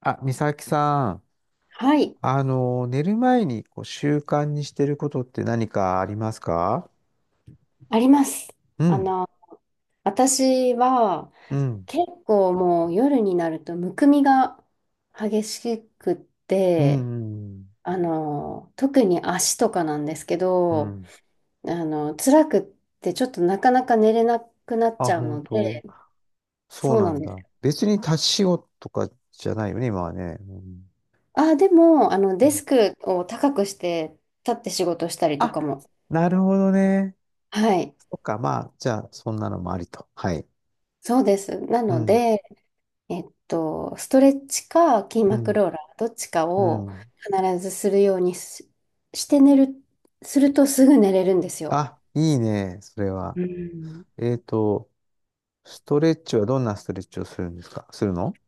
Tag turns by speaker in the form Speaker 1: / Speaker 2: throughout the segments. Speaker 1: あ、美咲さん、
Speaker 2: はい、
Speaker 1: 寝る前にこう習慣にしてることって何かありますか？
Speaker 2: あります。
Speaker 1: う
Speaker 2: あ
Speaker 1: ん、
Speaker 2: の、私は
Speaker 1: うん、
Speaker 2: 結構もう夜になるとむくみが激しくっ
Speaker 1: うん、
Speaker 2: て、
Speaker 1: うん、
Speaker 2: 特に足とかなんですけ
Speaker 1: う
Speaker 2: ど、
Speaker 1: ん。
Speaker 2: 辛くってちょっとなかなか寝れなくなっち
Speaker 1: あ、
Speaker 2: ゃう
Speaker 1: 本
Speaker 2: の
Speaker 1: 当、
Speaker 2: で。
Speaker 1: そう
Speaker 2: そう
Speaker 1: な
Speaker 2: なん
Speaker 1: ん
Speaker 2: です。
Speaker 1: だ。別に立ち仕事とかじゃないよね、今はね。うん
Speaker 2: あ、でも、
Speaker 1: う
Speaker 2: デ
Speaker 1: ん。
Speaker 2: スクを高くして立って仕事したりとか
Speaker 1: あ、
Speaker 2: も。
Speaker 1: なるほどね。
Speaker 2: はい、
Speaker 1: そっか、まあ、じゃあ、そんなのもありと。はい。
Speaker 2: そうです。な
Speaker 1: う
Speaker 2: の
Speaker 1: ん、
Speaker 2: で、ストレッチか筋
Speaker 1: う
Speaker 2: 膜
Speaker 1: ん、
Speaker 2: ローラー、どっちか
Speaker 1: う
Speaker 2: を
Speaker 1: ん。
Speaker 2: 必ずするようにし、して寝る、するとすぐ寝れるんですよ。
Speaker 1: あ、いいね、それは。
Speaker 2: うん。
Speaker 1: えっと、ストレッチはどんなストレッチをするんですかするの？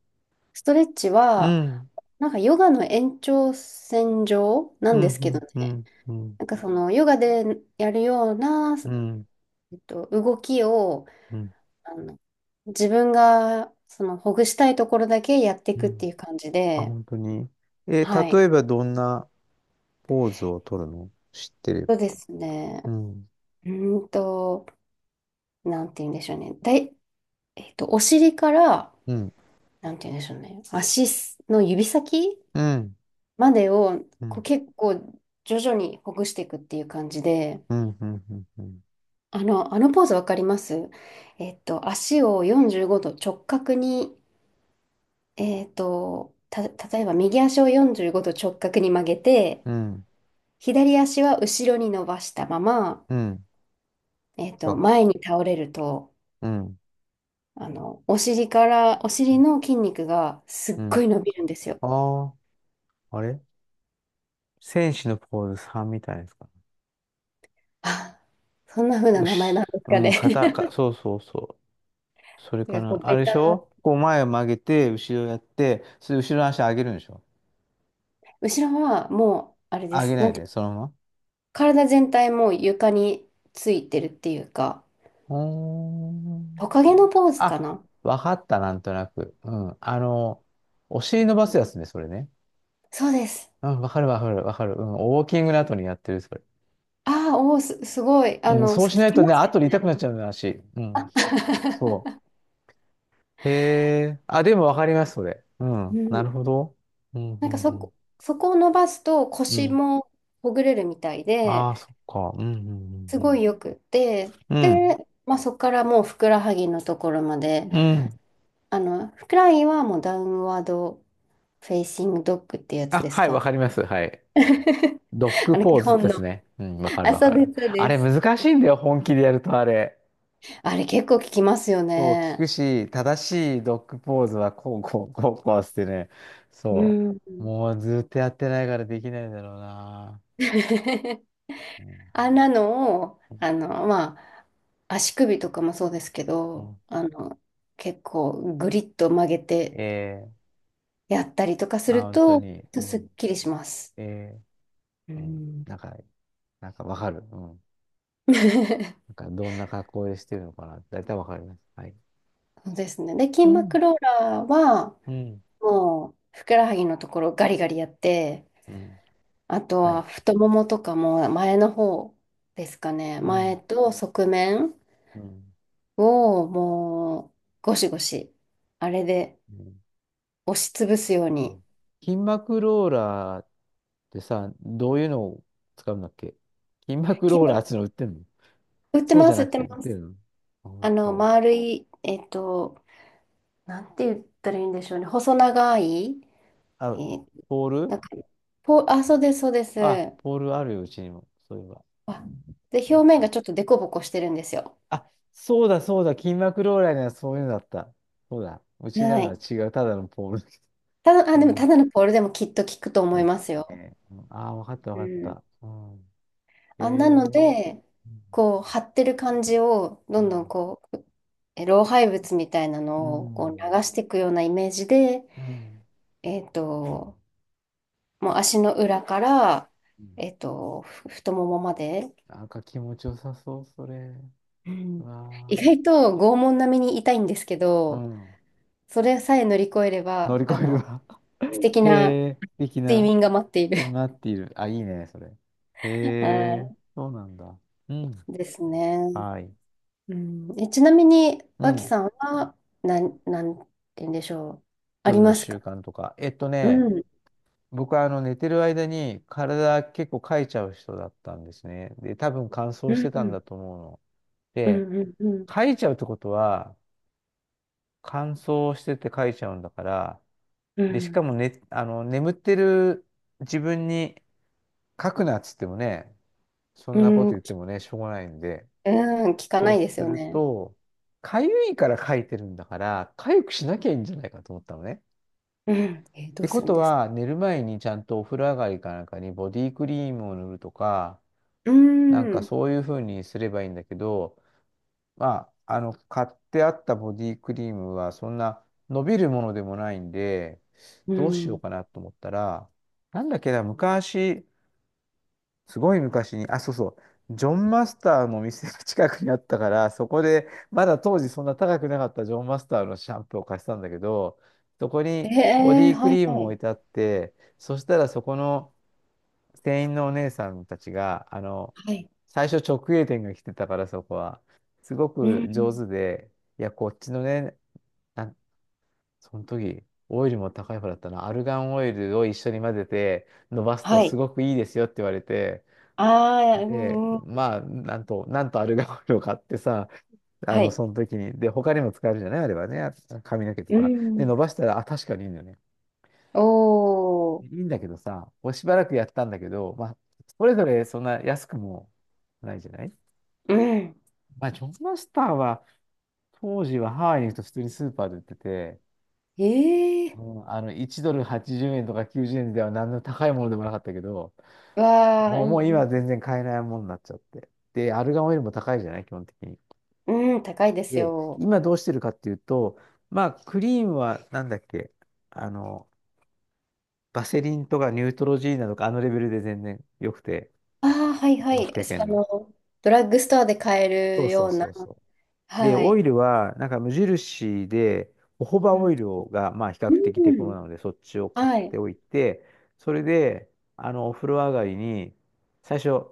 Speaker 2: ストレッチ
Speaker 1: う
Speaker 2: は、
Speaker 1: ん。
Speaker 2: なんかヨガの延長線上な
Speaker 1: う
Speaker 2: んですけど
Speaker 1: ん、う
Speaker 2: ね、
Speaker 1: ん、うん、
Speaker 2: なんかそのヨガでやるような、
Speaker 1: うん、
Speaker 2: 動きを、
Speaker 1: うん、
Speaker 2: あの、自分がそのほぐしたいところだけやってい
Speaker 1: う
Speaker 2: くって
Speaker 1: ん。
Speaker 2: いう感じ
Speaker 1: あ、
Speaker 2: で。
Speaker 1: 本当に。
Speaker 2: はい。
Speaker 1: 例えばどんなポーズを取るの知ってれば。
Speaker 2: そうですね。
Speaker 1: うん、
Speaker 2: うーんと、なんて言うんでしょうね。だえっと、お尻から、
Speaker 1: うん、
Speaker 2: なんて言うんでしょうね、足の指先
Speaker 1: うん、
Speaker 2: までを
Speaker 1: う
Speaker 2: こう
Speaker 1: ん、
Speaker 2: 結構徐々にほぐしていくっていう感じで。
Speaker 1: うん、うん、うん、
Speaker 2: あのポーズわかります？足を45度直角に、例えば右足を45度直角に曲げて、
Speaker 1: うん、
Speaker 2: 左足は後ろに伸ばしたまま、
Speaker 1: うん、あ、
Speaker 2: 前に倒れると、
Speaker 1: うん、
Speaker 2: お尻から、お尻の筋肉がす
Speaker 1: う
Speaker 2: っご
Speaker 1: ん。
Speaker 2: い伸びるんですよ。
Speaker 1: ああ、あれ戦士のポーズさんみたいですか？
Speaker 2: あ、そんな風な
Speaker 1: う
Speaker 2: 名前
Speaker 1: し、
Speaker 2: なんです
Speaker 1: う
Speaker 2: か
Speaker 1: ん、
Speaker 2: ね。
Speaker 1: 肩、か、そうそうそう。それ
Speaker 2: なん
Speaker 1: か
Speaker 2: かこ
Speaker 1: な。
Speaker 2: う、
Speaker 1: あれでしょこう前を曲げて、後ろやって、それ後ろの足上げるんでしょ？
Speaker 2: 後ろはもう、あれで
Speaker 1: 上げ
Speaker 2: す。
Speaker 1: な
Speaker 2: な
Speaker 1: い
Speaker 2: んてい
Speaker 1: で、
Speaker 2: う、
Speaker 1: そのまま。
Speaker 2: 体全体もう床についてるっていうか、
Speaker 1: うーん、
Speaker 2: トカゲのポーズか
Speaker 1: あ、
Speaker 2: な。
Speaker 1: わかった、なんとなく。うん。お尻伸ばすやつね、それね。
Speaker 2: そうです。
Speaker 1: うん、わかるわかるわかる。うん、ウォーキングの後にやってる、それ。
Speaker 2: ああ、おお、すごい。
Speaker 1: うん、そう
Speaker 2: 聞
Speaker 1: しない
Speaker 2: き
Speaker 1: と
Speaker 2: ま
Speaker 1: ね、
Speaker 2: す
Speaker 1: 後で痛く
Speaker 2: ね。
Speaker 1: なっちゃうんだし。足うん。そ う。へえ。あ、でもわかります、それ。う
Speaker 2: う
Speaker 1: ん。なる
Speaker 2: ん。
Speaker 1: ほど。うん、う
Speaker 2: なんか
Speaker 1: ん、
Speaker 2: そ
Speaker 1: うん。
Speaker 2: こ、そこを伸ばすと
Speaker 1: う
Speaker 2: 腰
Speaker 1: ん。
Speaker 2: もほぐれるみたい
Speaker 1: あ
Speaker 2: で、
Speaker 1: あ、そっか。うん、うん、
Speaker 2: す
Speaker 1: う
Speaker 2: ご
Speaker 1: ん。
Speaker 2: いよくって、
Speaker 1: うん。
Speaker 2: で、まあ、そこからもうふくらはぎのところまで、
Speaker 1: うん。うん、
Speaker 2: フライはもうダウンワードフェイシングドッグってやつ
Speaker 1: あ、
Speaker 2: です
Speaker 1: はい、わ
Speaker 2: か？
Speaker 1: かります。はい。ドッグポー
Speaker 2: 基
Speaker 1: ズ
Speaker 2: 本
Speaker 1: で
Speaker 2: の。
Speaker 1: すね。うん、わかる
Speaker 2: あ、
Speaker 1: わ
Speaker 2: そ
Speaker 1: か
Speaker 2: うで
Speaker 1: る。
Speaker 2: す、そう
Speaker 1: あ
Speaker 2: で
Speaker 1: れ
Speaker 2: す。
Speaker 1: 難しいんだよ、本気でやるとあれ。
Speaker 2: あれ結構聞きますよ
Speaker 1: そう、聞
Speaker 2: ね。
Speaker 1: くし、正しいドッグポーズはこう、こう、こう、こうしてね。
Speaker 2: う
Speaker 1: そ
Speaker 2: ん。
Speaker 1: う。もうずっとやってないからできないんだろうな。うんうん
Speaker 2: あんなのを、あの、まあ、足首とかもそうですけ
Speaker 1: う
Speaker 2: ど、
Speaker 1: ん、
Speaker 2: 結構グリッと曲げて
Speaker 1: ええ、
Speaker 2: やったりとかす
Speaker 1: あ、
Speaker 2: る
Speaker 1: 本当
Speaker 2: と、
Speaker 1: に。う
Speaker 2: すっ
Speaker 1: ん、
Speaker 2: きりします。
Speaker 1: ええ、
Speaker 2: う
Speaker 1: うん、
Speaker 2: ん。
Speaker 1: なんか、なんかわかる。うん。なん かどんな格好でしてるのかな。だいたいわかります。はい。
Speaker 2: そうですね。で、筋
Speaker 1: う
Speaker 2: 膜
Speaker 1: ん。
Speaker 2: ローラーは、
Speaker 1: うん。
Speaker 2: もう、ふくらはぎのところガリガリやって、
Speaker 1: うん。
Speaker 2: あと
Speaker 1: は
Speaker 2: は
Speaker 1: い。
Speaker 2: 太ももとかも前の方ですかね。
Speaker 1: う
Speaker 2: 前
Speaker 1: ん。
Speaker 2: と側面
Speaker 1: うん。
Speaker 2: をもうゴシゴシ、あれで
Speaker 1: うん。
Speaker 2: 押しつぶすよう
Speaker 1: そ
Speaker 2: に。
Speaker 1: う、筋膜ローラーってさ、どういうのを使うんだっけ？筋膜
Speaker 2: 筋
Speaker 1: ローラー
Speaker 2: 膜、
Speaker 1: っていうの売ってんの？
Speaker 2: 売って
Speaker 1: そうじ
Speaker 2: ま
Speaker 1: ゃ
Speaker 2: す、
Speaker 1: な
Speaker 2: 売っ
Speaker 1: く
Speaker 2: て
Speaker 1: て売っ
Speaker 2: ま
Speaker 1: てる
Speaker 2: す。
Speaker 1: の？あ、本当。
Speaker 2: 丸い、なんて言ったらいいんでしょうね。細長い、え
Speaker 1: あ、
Speaker 2: ー
Speaker 1: ポー
Speaker 2: な
Speaker 1: ル、
Speaker 2: んか、そうです、そうです。
Speaker 1: あ、ポールあるよ、うちにも。そういえば。
Speaker 2: あ、で、
Speaker 1: あっ
Speaker 2: 表面
Speaker 1: た。
Speaker 2: がちょっとデコボコしてるんですよ。
Speaker 1: あ、そうだ、そうだ。筋膜ローラーにはそういうのだった。そうだ。うち
Speaker 2: は
Speaker 1: なのは
Speaker 2: い。
Speaker 1: 違う。ただのポールだけ
Speaker 2: ただ、あ、
Speaker 1: ど。
Speaker 2: で
Speaker 1: う
Speaker 2: もた
Speaker 1: ん。
Speaker 2: だのポールでもきっと効くと思い
Speaker 1: ね、
Speaker 2: ま
Speaker 1: き
Speaker 2: す
Speaker 1: つ
Speaker 2: よ。
Speaker 1: ね。うん、ああ、わかった、
Speaker 2: う
Speaker 1: わかっ
Speaker 2: ん。
Speaker 1: た。うん。え
Speaker 2: あ、なの
Speaker 1: ー。
Speaker 2: で、
Speaker 1: う
Speaker 2: こう、張ってる感じを、どんどん
Speaker 1: ん。
Speaker 2: こう、老廃物みたいな
Speaker 1: う
Speaker 2: のをこう流
Speaker 1: ん。
Speaker 2: していくようなイメージで、
Speaker 1: うん。うん。
Speaker 2: えっと、もう足の裏から、
Speaker 1: うん、
Speaker 2: 太ももまで、
Speaker 1: なんか気持ちよさそう、それ。
Speaker 2: う
Speaker 1: う
Speaker 2: ん、意
Speaker 1: わ
Speaker 2: 外と拷問並みに痛いんですけ
Speaker 1: あ。う
Speaker 2: ど、
Speaker 1: ん。
Speaker 2: それさえ乗り越えれ
Speaker 1: 乗
Speaker 2: ば、
Speaker 1: り越えるわ。
Speaker 2: 素敵
Speaker 1: へ
Speaker 2: な
Speaker 1: え、素敵
Speaker 2: 睡
Speaker 1: な。
Speaker 2: 眠が待っている。
Speaker 1: で待っている。あ、いいね、それ。へ
Speaker 2: は
Speaker 1: え、そうなんだ。うん。
Speaker 2: いですね。
Speaker 1: はい。
Speaker 2: うん、ちなみに、
Speaker 1: う
Speaker 2: 脇
Speaker 1: ん。
Speaker 2: さんは、なんて言うんでしょう。あ
Speaker 1: 夜
Speaker 2: り
Speaker 1: の
Speaker 2: ますか？
Speaker 1: 習慣とか。
Speaker 2: うん
Speaker 1: 僕は寝てる間に体結構かいちゃう人だったんですね。で、多分乾燥
Speaker 2: う
Speaker 1: し
Speaker 2: ん
Speaker 1: て
Speaker 2: う
Speaker 1: たん
Speaker 2: ん
Speaker 1: だと思うの。
Speaker 2: う
Speaker 1: で、
Speaker 2: んうん、
Speaker 1: かいちゃうってことは、乾燥しててかいちゃうんだから、
Speaker 2: う
Speaker 1: で、しか
Speaker 2: ん
Speaker 1: もね、眠ってる自分に書くなっつってもね、そ
Speaker 2: う
Speaker 1: んなこと言
Speaker 2: ん
Speaker 1: って
Speaker 2: き
Speaker 1: もね、しょうがないんで、
Speaker 2: うん聞か
Speaker 1: そ
Speaker 2: な
Speaker 1: う
Speaker 2: いです
Speaker 1: す
Speaker 2: よ
Speaker 1: る
Speaker 2: ね。
Speaker 1: と、かゆいから書いてるんだから、かゆくしなきゃいいんじゃないかと思ったのね。っ
Speaker 2: うん、ど
Speaker 1: て
Speaker 2: うす
Speaker 1: こ
Speaker 2: るん
Speaker 1: と
Speaker 2: ですか？
Speaker 1: は、寝る前にちゃんとお風呂上がりかなんかにボディクリームを塗るとか、
Speaker 2: う
Speaker 1: なんか
Speaker 2: ん、
Speaker 1: そういうふうにすればいいんだけど、まあ、買ってあったボディクリームは、そんな伸びるものでもないんで、
Speaker 2: う
Speaker 1: どうしよう
Speaker 2: ん。
Speaker 1: かなと思ったら、なんだっけな、昔、すごい昔に、あ、そうそう、ジョンマスターの店が近くにあったから、そこで、まだ当時そんな高くなかったジョンマスターのシャンプーを貸したんだけど、そこ
Speaker 2: え
Speaker 1: にボデ
Speaker 2: ー、
Speaker 1: ィク
Speaker 2: はい
Speaker 1: リーム
Speaker 2: は
Speaker 1: も置
Speaker 2: い。
Speaker 1: いてあって、そしたらそこの、店員のお姉さんたちが、
Speaker 2: はい。
Speaker 1: 最初直営店が来てたからそこは、すご
Speaker 2: う
Speaker 1: く上
Speaker 2: ん、
Speaker 1: 手で、いや、こっちのね、なんその時、オイルも高い方だったな、アルガンオイルを一緒に混ぜて伸ばすと
Speaker 2: は
Speaker 1: す
Speaker 2: い。
Speaker 1: ごくいいですよって言われて、
Speaker 2: ああ、う
Speaker 1: で、
Speaker 2: ん、うん。
Speaker 1: まあ、なんと、なんとアルガンオイルを買ってさ、
Speaker 2: はい。
Speaker 1: その時に、で、他にも使えるじゃないあればね、あ、髪の毛と
Speaker 2: う
Speaker 1: か。で、
Speaker 2: ん。
Speaker 1: 伸ばしたら、あ、確かにいいんだよね。
Speaker 2: お
Speaker 1: い
Speaker 2: ー、
Speaker 1: いんだけどさ、こうしばらくやったんだけど、まあ、それぞれそんな安くもないじゃない。
Speaker 2: うん。
Speaker 1: まあ、ジョンマスターは、当時はハワイに行くと普通にスーパーで売ってて、
Speaker 2: ええ
Speaker 1: うん、1ドル80円とか90円では何の高いものでもなかったけど、
Speaker 2: ー、わあ、
Speaker 1: も
Speaker 2: う
Speaker 1: う、もう今
Speaker 2: ん
Speaker 1: は全然買えないものになっちゃって。で、アルガンオイルも高いじゃない基本的に。
Speaker 2: うん。うん、高いです
Speaker 1: で、
Speaker 2: よ。
Speaker 1: 今どうしてるかっていうと、まあ、クリームはなんだっけ、あの、バセリンとかニュートロジーナとかあのレベルで全然良くて、
Speaker 2: ああ、はいは
Speaker 1: 5、
Speaker 2: い。
Speaker 1: 600
Speaker 2: あ
Speaker 1: んの。
Speaker 2: の、ドラッグストアで買え
Speaker 1: そう
Speaker 2: る
Speaker 1: そ
Speaker 2: よ
Speaker 1: う
Speaker 2: うな。
Speaker 1: そうそう。で、
Speaker 2: は
Speaker 1: オイ
Speaker 2: い。
Speaker 1: ルは、なんか無印で、ホホバオイルが、まあ、比較
Speaker 2: う
Speaker 1: 的手頃
Speaker 2: ん、
Speaker 1: なので、そっちを買っ
Speaker 2: は
Speaker 1: て
Speaker 2: い。
Speaker 1: おいて、それで、お風呂上がりに、最初、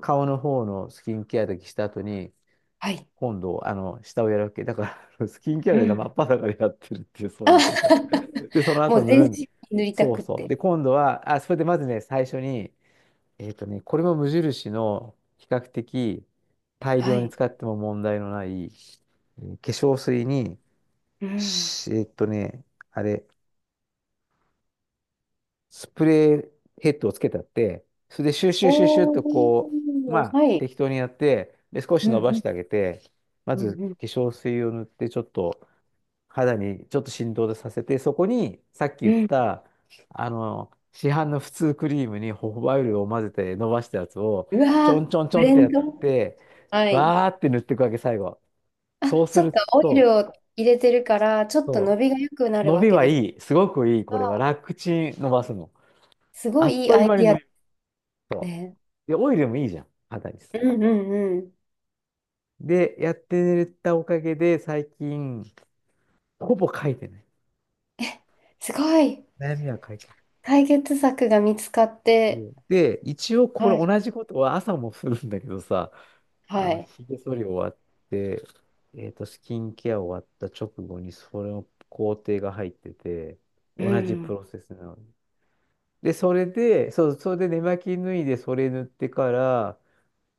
Speaker 1: 顔の方のスキンケアだけした後に、
Speaker 2: はい。
Speaker 1: 今度、下をやるわけ。だから、スキンケア
Speaker 2: う
Speaker 1: で真
Speaker 2: ん。
Speaker 1: っ裸でやってるっていう、そうい
Speaker 2: あ。
Speaker 1: う状態。で、その
Speaker 2: も
Speaker 1: 後
Speaker 2: う
Speaker 1: 塗
Speaker 2: 全
Speaker 1: る
Speaker 2: 身
Speaker 1: ん。
Speaker 2: に塗りた
Speaker 1: そう
Speaker 2: くっ
Speaker 1: そう。
Speaker 2: て。
Speaker 1: で、今度は、あ、それでまずね、最初に、これも無印の比較的大
Speaker 2: は
Speaker 1: 量に
Speaker 2: い。
Speaker 1: 使っても問題のない、化粧水に、
Speaker 2: うん。
Speaker 1: しえっとね、あれ、スプレーヘッドをつけたって、それでシューシューシューシュー
Speaker 2: お
Speaker 1: とこう、ま
Speaker 2: ー、
Speaker 1: あ
Speaker 2: はい。
Speaker 1: 適当にやって、で、少し
Speaker 2: う
Speaker 1: 伸ばし
Speaker 2: ん、
Speaker 1: てあげて、ま
Speaker 2: うん、う
Speaker 1: ず
Speaker 2: ん、うん。
Speaker 1: 化粧水を塗ってちょっと肌にちょっと振動でさせて、そこにさっき言
Speaker 2: う
Speaker 1: っ
Speaker 2: ん。
Speaker 1: た、市販の普通クリームにホホバイルを混ぜて伸ばしたやつを、
Speaker 2: う
Speaker 1: ち
Speaker 2: わ
Speaker 1: ょ
Speaker 2: ー、
Speaker 1: んちょんち
Speaker 2: ブ
Speaker 1: ょんっ
Speaker 2: レ
Speaker 1: てや
Speaker 2: ン
Speaker 1: っ
Speaker 2: ド。
Speaker 1: て、
Speaker 2: はい。
Speaker 1: バーって塗っていくわけ、最後。
Speaker 2: あ、
Speaker 1: そうす
Speaker 2: そっか、
Speaker 1: る
Speaker 2: オイル
Speaker 1: と、
Speaker 2: を入れてるから、ちょっと
Speaker 1: そ
Speaker 2: 伸びが良くな
Speaker 1: う、
Speaker 2: る
Speaker 1: 伸
Speaker 2: わ
Speaker 1: び
Speaker 2: け
Speaker 1: は
Speaker 2: です
Speaker 1: いい。すごくいい。これは
Speaker 2: が、
Speaker 1: 楽ちん伸ばすの。
Speaker 2: すご
Speaker 1: あっ
Speaker 2: いいい
Speaker 1: とい
Speaker 2: ア
Speaker 1: う
Speaker 2: イ
Speaker 1: 間に
Speaker 2: ディア
Speaker 1: 伸
Speaker 2: で
Speaker 1: びると。
Speaker 2: すね。
Speaker 1: で、オイルもいいじゃん、肌に。
Speaker 2: うん、うん、うん。
Speaker 1: で、やってたおかげで、最近、ほぼ書いてない。
Speaker 2: すごい、
Speaker 1: 悩みは書ないて、
Speaker 2: 解決策が見つかっ
Speaker 1: う
Speaker 2: て、
Speaker 1: んで、一応こ
Speaker 2: は
Speaker 1: れ
Speaker 2: い。
Speaker 1: 同じことは朝もするんだけどさ、
Speaker 2: はい。
Speaker 1: ひげ剃り終わって、スキンケア終わった直後にそれの工程が入ってて、
Speaker 2: う
Speaker 1: 同じプ
Speaker 2: ん。
Speaker 1: ロセスなの。で、それで、そう、それで寝巻き脱いでそれ塗ってから、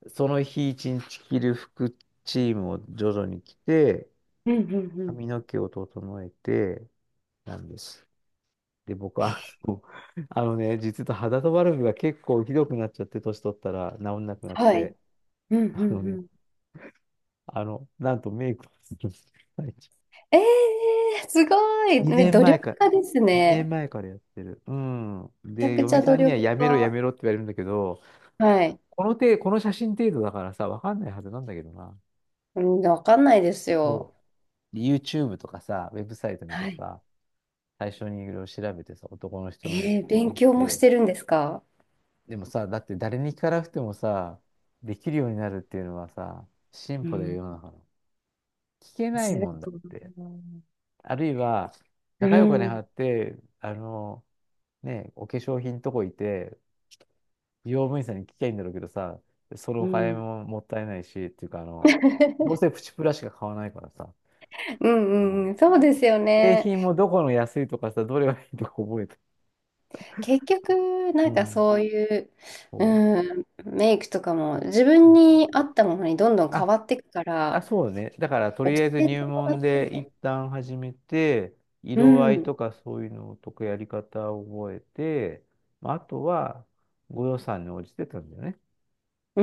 Speaker 1: その日一日着る服チームを徐々に着て、
Speaker 2: うん、うん、うん。
Speaker 1: 髪の毛を整えて、なんです。で、僕は、あの あのね、実は肌とバルブが結構ひどくなっちゃって、年取ったら治んなくなっ
Speaker 2: はい。
Speaker 1: て、
Speaker 2: うん、う
Speaker 1: あの
Speaker 2: ん、う
Speaker 1: ね、
Speaker 2: ん。
Speaker 1: なんとメイクをするんです。最近
Speaker 2: ええ、すごい。ね、
Speaker 1: 2
Speaker 2: 努
Speaker 1: 年前
Speaker 2: 力
Speaker 1: から、
Speaker 2: 家です
Speaker 1: 2
Speaker 2: ね。
Speaker 1: 年前からやってる。うん。
Speaker 2: めちゃ
Speaker 1: で、
Speaker 2: くち
Speaker 1: 嫁
Speaker 2: ゃ
Speaker 1: さ
Speaker 2: 努
Speaker 1: んには
Speaker 2: 力
Speaker 1: やめろや
Speaker 2: 家。
Speaker 1: めろって言われるんだけど、
Speaker 2: はい。
Speaker 1: この写真程度だからさ、わかんないはずなんだけどな。
Speaker 2: うん、わかんないです
Speaker 1: そ
Speaker 2: よ。
Speaker 1: う。YouTube とかさ、ウェブサイト見て
Speaker 2: はい。
Speaker 1: さ、最初にいろいろ調べてさ、男の人のメイクって
Speaker 2: 勉
Speaker 1: 見
Speaker 2: 強もし
Speaker 1: て、
Speaker 2: てるんですか？
Speaker 1: でもさ、だって誰に聞かなくてもさ、できるようになるっていうのはさ、進
Speaker 2: う
Speaker 1: 歩だよ、
Speaker 2: ん。
Speaker 1: 世の中の。聞けない
Speaker 2: す
Speaker 1: もんだ
Speaker 2: ご
Speaker 1: っ
Speaker 2: い。
Speaker 1: て。あるいは、
Speaker 2: う
Speaker 1: 高いお金払
Speaker 2: ん。
Speaker 1: って、ね、お化粧品とこ行って、美容部員さんに聞きゃいいんだろうけどさ、その
Speaker 2: う
Speaker 1: お金
Speaker 2: ん。
Speaker 1: ももったいないし、っていうか、どうせプチプラしか買わないからさ、
Speaker 2: う
Speaker 1: う
Speaker 2: んう
Speaker 1: ん、
Speaker 2: ん、そうですよ
Speaker 1: 製
Speaker 2: ね。
Speaker 1: 品もどこの安いとかさ、どれがいいとか覚えて。
Speaker 2: 結局、な
Speaker 1: う
Speaker 2: んか
Speaker 1: ん。
Speaker 2: そういう、
Speaker 1: そう
Speaker 2: うん、メイクとかも自分
Speaker 1: そうそう
Speaker 2: に合
Speaker 1: そう。
Speaker 2: ったものにどんどん変
Speaker 1: あ
Speaker 2: わっていくか
Speaker 1: あ、
Speaker 2: ら、
Speaker 1: そうね。だから、と
Speaker 2: 教
Speaker 1: りあえず
Speaker 2: えて
Speaker 1: 入
Speaker 2: もら
Speaker 1: 門
Speaker 2: って
Speaker 1: で一
Speaker 2: も、
Speaker 1: 旦始めて、
Speaker 2: う
Speaker 1: 色合い
Speaker 2: ん、
Speaker 1: とかそういうのとかやり方を覚えて、まあ、あとは、ご予算に応じてたんだよね。
Speaker 2: う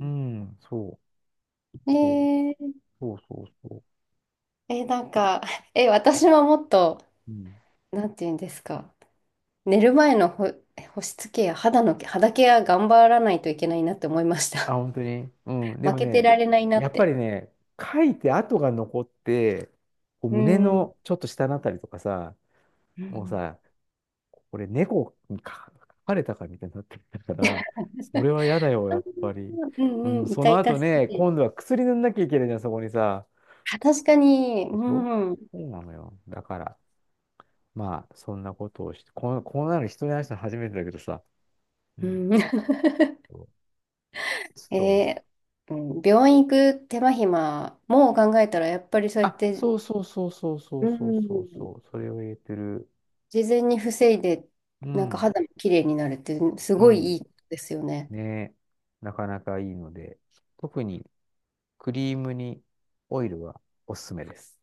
Speaker 1: うん、そう、そう、
Speaker 2: え
Speaker 1: そうそうそ
Speaker 2: え、なんか、私はもっと、
Speaker 1: う。うん。
Speaker 2: なんて言うんですか、寝る前の保湿ケア、肌ケア頑張らないといけないなって思いまし
Speaker 1: あ、
Speaker 2: た。
Speaker 1: 本当にうん。で
Speaker 2: 負
Speaker 1: も
Speaker 2: けて
Speaker 1: ね、
Speaker 2: られないな
Speaker 1: や
Speaker 2: っ
Speaker 1: っぱ
Speaker 2: て。
Speaker 1: りね、書いて跡が残って、こう
Speaker 2: う
Speaker 1: 胸
Speaker 2: ん。うん。
Speaker 1: のちょっと下のあたりとかさ、もうさ、これ猫にか書かれたかみたいになってきたから、それは嫌だよ、やっぱり。
Speaker 2: う
Speaker 1: う
Speaker 2: ん
Speaker 1: ん、
Speaker 2: うん、
Speaker 1: そ
Speaker 2: 痛
Speaker 1: の後
Speaker 2: 々し
Speaker 1: ね、
Speaker 2: い。
Speaker 1: 今度は薬塗んなきゃいけないじゃん、そこにさ。
Speaker 2: あ確かに、
Speaker 1: でしょ？
Speaker 2: うん。
Speaker 1: そうなのよ。だから、まあ、そんなことをして、こんなの人に話したの初めてだけどさ。う
Speaker 2: う
Speaker 1: ん、
Speaker 2: ん、
Speaker 1: そう、 そうなの。
Speaker 2: えーうん、病院行く手間暇も考えたら、やっぱりそうやっ
Speaker 1: あ、
Speaker 2: て、
Speaker 1: そうそうそうそうそ
Speaker 2: う
Speaker 1: うそうそう
Speaker 2: ん、
Speaker 1: そう、それを言えてる。
Speaker 2: 事前に防いで、
Speaker 1: う
Speaker 2: なんか
Speaker 1: ん、
Speaker 2: 肌も綺麗になるって、す
Speaker 1: う
Speaker 2: ごいい
Speaker 1: ん。
Speaker 2: いことですよね。
Speaker 1: ねえ、なかなかいいので、特にクリームにオイルはおすすめです。